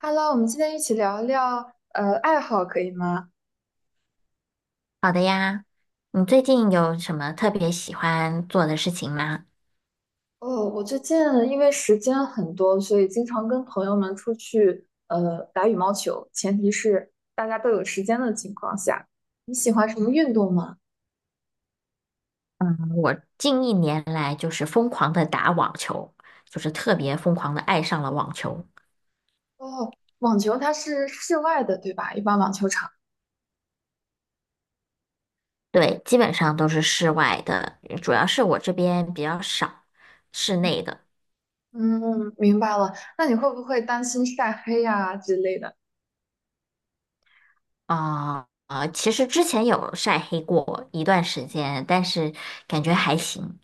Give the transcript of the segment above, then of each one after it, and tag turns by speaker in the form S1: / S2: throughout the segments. S1: Hello，我们今天一起聊一聊爱好，可以吗？
S2: 好的呀，你最近有什么特别喜欢做的事情吗？
S1: 哦，我最近因为时间很多，所以经常跟朋友们出去打羽毛球，前提是大家都有时间的情况下。你喜欢什么运动吗？
S2: 嗯，我近1年来就是疯狂的打网球，就是特别疯狂的爱上了网球。
S1: 哦，网球它是室外的，对吧？一般网球场。
S2: 对，基本上都是室外的，主要是我这边比较少室内的。
S1: 嗯，明白了。那你会不会担心晒黑呀、之类的？
S2: 啊、其实之前有晒黑过一段时间，但是感觉还行，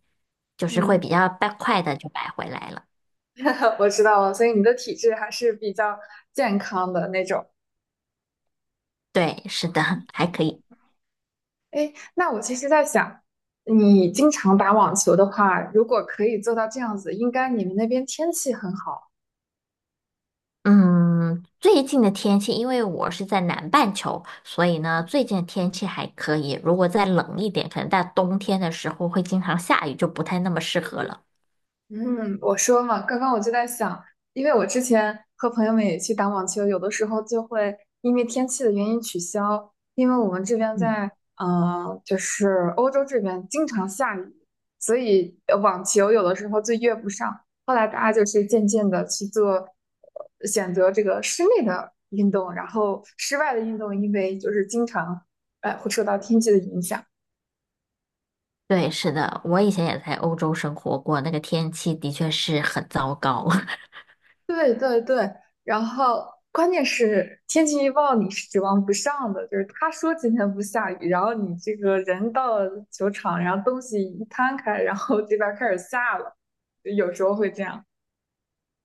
S2: 就是会
S1: 嗯，
S2: 比较快快的就白回来了。
S1: 我知道了，所以你的体质还是比较健康的那种。
S2: 对，是的，还可以。
S1: 那我其实在想，你经常打网球的话，如果可以做到这样子，应该你们那边天气很好。
S2: 嗯，最近的天气，因为我是在南半球，所以呢，最近的天气还可以。如果再冷一点，可能在冬天的时候会经常下雨，就不太那么适合了。
S1: 嗯，我说嘛，刚刚我就在想，因为我之前和朋友们也去打网球，有的时候就会因为天气的原因取消，因为我们这边
S2: 嗯，
S1: 在就是欧洲这边经常下雨，所以网球有的时候就约不上。后来大家就是渐渐的去做选择这个室内的运动，然后室外的运动，因为就是经常会受到天气的影响。
S2: 对，是的，我以前也在欧洲生活过，那个天气的确是很糟糕。
S1: 对对对，然后关键是天气预报你是指望不上的，就是他说今天不下雨，然后你这个人到球场，然后东西一摊开，然后这边儿开始下了，有时候会这样。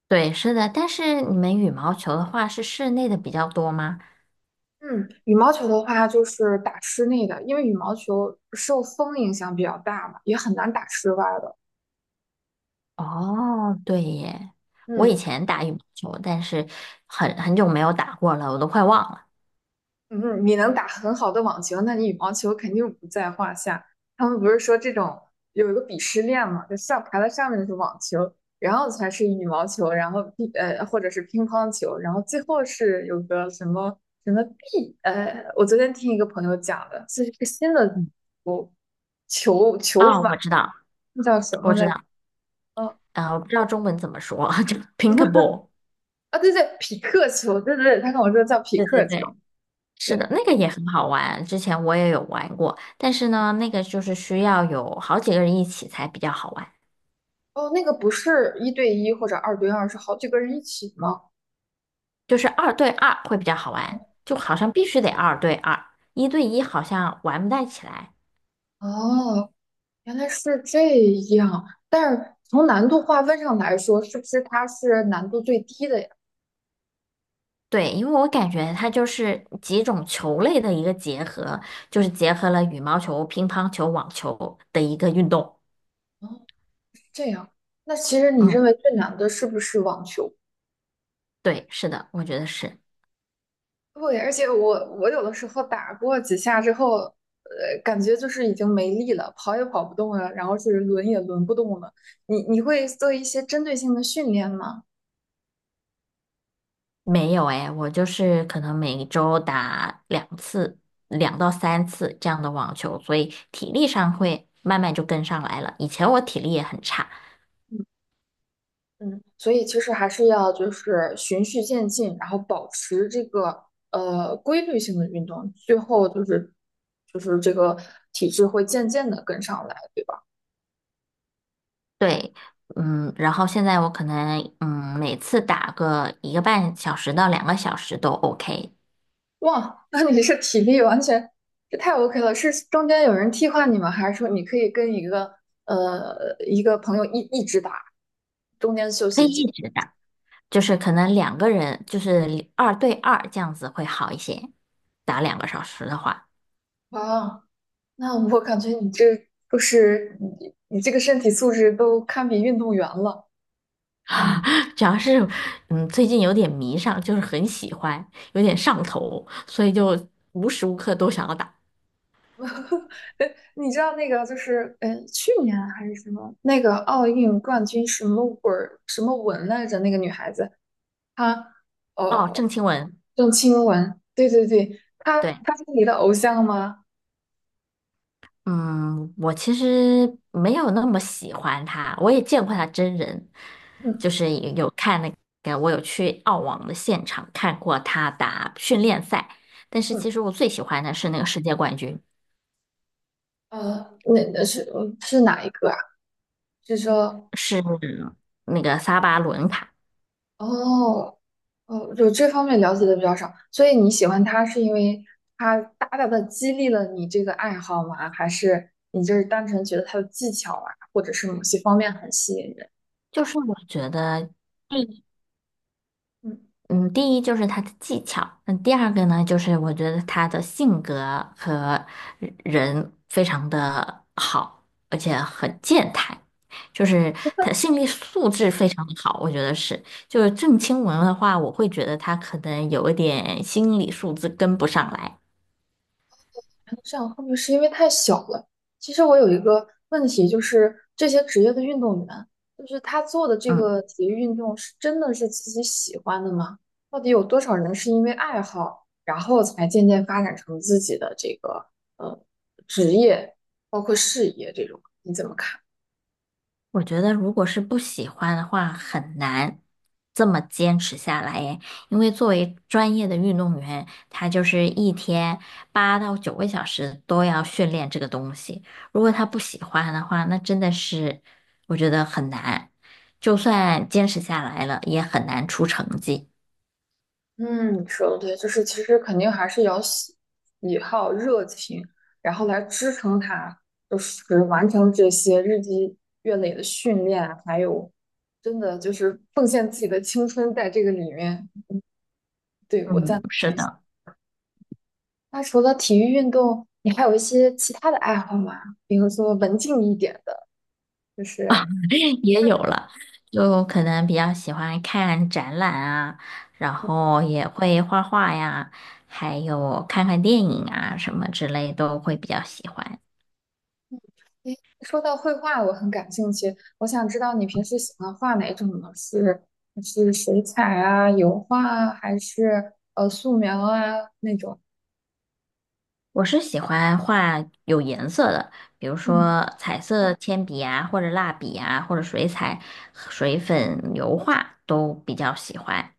S2: 对，是的，但是你们羽毛球的话是室内的比较多吗？
S1: 嗯，羽毛球的话就是打室内的，因为羽毛球受风影响比较大嘛，也很难打室外的。
S2: 哦，对耶，我以
S1: 嗯。
S2: 前打羽毛球，但是很久没有打过了，我都快忘了。
S1: 嗯，你能打很好的网球，那你羽毛球肯定不在话下。他们不是说这种有一个鄙视链嘛，就上排在上面的是网球，然后才是羽毛球，然后或者是乒乓球，然后最后是有个什么什么，我昨天听一个朋友讲的，这是一个新的
S2: 嗯，
S1: 球
S2: 哦，
S1: 法，
S2: 我知道，
S1: 那叫什么
S2: 我知
S1: 来着？
S2: 道。
S1: 哦
S2: 啊，我不知道中文怎么说，就 pinkball
S1: 啊对对，匹克球，对对对，他跟我说叫匹
S2: 对对
S1: 克球，
S2: 对，是的，
S1: 对，
S2: 那个也很好玩，之前我也有玩过，但是呢，那个就是需要有好几个人一起才比较好玩，
S1: 哦那个不是一对一或者二对二，是好几个人一起吗？
S2: 就是二对二会比较好玩，就好像必须得二对二，一对一好像玩不太起来。
S1: 哦，原来是这样。但是从难度划分上来说，是不是它是难度最低的呀？
S2: 对，因为我感觉它就是几种球类的一个结合，就是结合了羽毛球、乒乓球、网球的一个运动。
S1: 哦，这样。那其实你认
S2: 嗯，
S1: 为最难的是不是网球？
S2: 对，是的，我觉得是。
S1: 对，而且我有的时候打过几下之后，感觉就是已经没力了，跑也跑不动了，然后是轮也轮不动了。你会做一些针对性的训练吗？
S2: 没有哎，我就是可能每周打2次、2到3次这样的网球，所以体力上会慢慢就跟上来了。以前我体力也很差，
S1: 嗯，所以其实还是要就是循序渐进，然后保持这个规律性的运动，最后就是这个体质会渐渐的跟上来，对吧？
S2: 对，嗯，然后现在我可能嗯每次打个1个半小时到2个小时都 OK，
S1: 哇，那你是体力完全这太 OK 了，是中间有人替换你吗？还是说你可以跟一个一个朋友一直打，中间休
S2: 可以
S1: 息几？
S2: 一直打，就是可能两个人就是二对二这样子会好一些，打两个小时的话。
S1: 哇，那我感觉就是你这个身体素质都堪比运动员了。
S2: 主要是，嗯，最近有点迷上，就是很喜欢，有点上头，所以就无时无刻都想要打。
S1: 你知道那个就是去年还是什么那个奥运冠军什么文什么文来着？那个女孩子她
S2: 哦，
S1: 呃
S2: 郑钦文，
S1: 郑钦文，对对对，她
S2: 对，
S1: 她是你的偶像吗？
S2: 嗯，我其实没有那么喜欢他，我也见过他真人，
S1: 嗯
S2: 就是也有看那个，我有去澳网的现场看过他打训练赛，但是
S1: 嗯
S2: 其实我最喜欢的是那个世界冠军，
S1: 那是是哪一个啊？是说
S2: 是那个萨巴伦卡，
S1: 哦哦，就这方面了解的比较少，所以你喜欢她是因为她大大的激励了你这个爱好吗？还是你就是单纯觉得她的技巧啊，或者是某些方面很吸引人？
S2: 就是我觉得。
S1: 嗯。
S2: 嗯，第一就是他的技巧，那第二个呢，就是我觉得他的性格和人非常的好，而且很健谈，就是他心理素质非常的好，我觉得是。就是郑钦文的话，我会觉得他可能有一点心理素质跟不上来。
S1: 这样会不会是因为太小了？其实我有一个问题，就是这些职业的运动员，就是他做的这
S2: 嗯。
S1: 个体育运动是真的是自己喜欢的吗？到底有多少人是因为爱好，然后才渐渐发展成自己的这个呃职业，包括事业这种？你怎么看？
S2: 我觉得，如果是不喜欢的话，很难这么坚持下来耶。因为作为专业的运动员，他就是一天8到9个小时都要训练这个东西。如果他不喜欢的话，那真的是我觉得很难。就算坚持下来了，也很难出成绩。
S1: 嗯，你说的对，就是其实肯定还是要喜好、热情，然后来支撑他，就是完成这些日积月累的训练啊，还有真的就是奉献自己的青春在这个里面。对，我赞
S2: 嗯，是
S1: 同你。
S2: 的。
S1: 那除了体育运动，你还有一些其他的爱好吗？比如说文静一点的，就是。
S2: 也有了，就可能比较喜欢看展览啊，然后也会画画呀，还有看看电影啊什么之类都会比较喜欢。
S1: 诶，说到绘画，我很感兴趣。我想知道你平时喜欢画哪种呢？是是水彩啊、油画啊，还是素描啊那种？
S2: 我是喜欢画有颜色的，比如
S1: 嗯
S2: 说彩色铅笔啊，或者蜡笔啊，或者水彩、水粉、油画都比较喜欢，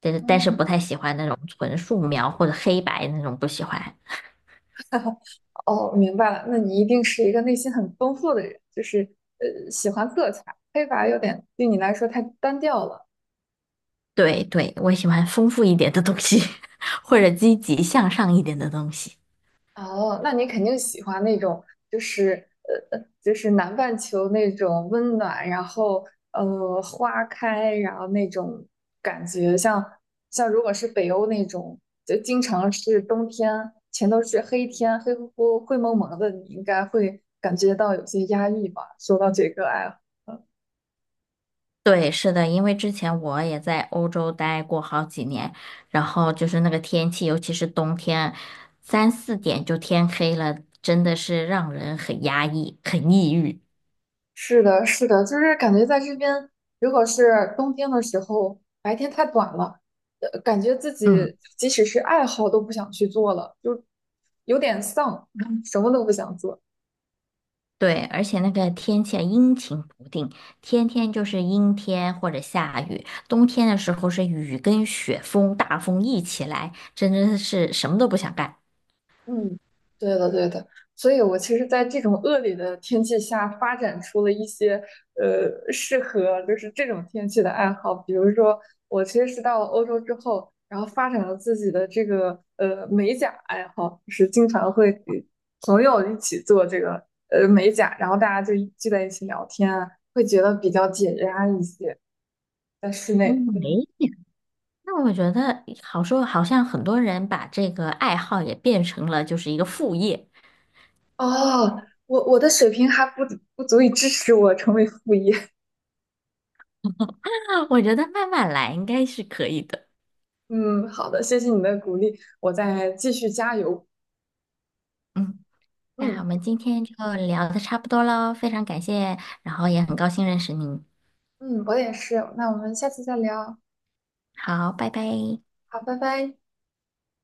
S2: 但是
S1: 嗯，
S2: 不太喜欢那种纯素描或者黑白那种不喜欢。
S1: 哦，明白了，那你一定是一个内心很丰富的人，就是喜欢色彩。黑白有点对你来说太单调了。
S2: 对对，我喜欢丰富一点的东西，或者积极向上一点的东西。
S1: 哦，那你肯定喜欢那种，就是就是南半球那种温暖，然后花开，然后那种感觉像，像如果是北欧那种，就经常是冬天，全都是黑天，黑乎乎、灰蒙蒙的，你应该会感觉到有些压抑吧？说到这个爱好。
S2: 对，是的，因为之前我也在欧洲待过好几年，然后就是那个天气，尤其是冬天，3、4点就天黑了，真的是让人很压抑，很抑郁。
S1: 是的，是的，就是感觉在这边，如果是冬天的时候，白天太短了，感觉自
S2: 嗯，
S1: 己即使是爱好都不想去做了，就有点丧，什么都不想做。
S2: 对，而且那个天气啊阴晴不定，天天就是阴天或者下雨，冬天的时候是雨跟雪风、大风一起来，真的是什么都不想干。
S1: 嗯，对的，对的，所以我其实，在这种恶劣的天气下，发展出了一些适合就是这种天气的爱好，比如说，我其实是到了欧洲之后，然后发展了自己的这个美甲爱好，就是经常会给朋友一起做这个美甲，然后大家就一聚在一起聊天啊，会觉得比较解压一些，在室内。
S2: 嗯，哎。那我觉得好说，好像很多人把这个爱好也变成了就是一个副业。
S1: 哦，我的水平还不足以支持我成为副业。
S2: 我觉得慢慢来应该是可以的。
S1: 嗯，好的，谢谢你的鼓励，我再继续加油。
S2: 嗯，那我
S1: 嗯
S2: 们今天就聊的差不多喽，非常感谢，然后也很高兴认识你。
S1: 嗯，嗯我也是。那我们下次再聊。
S2: 好，拜拜。
S1: 好，拜拜。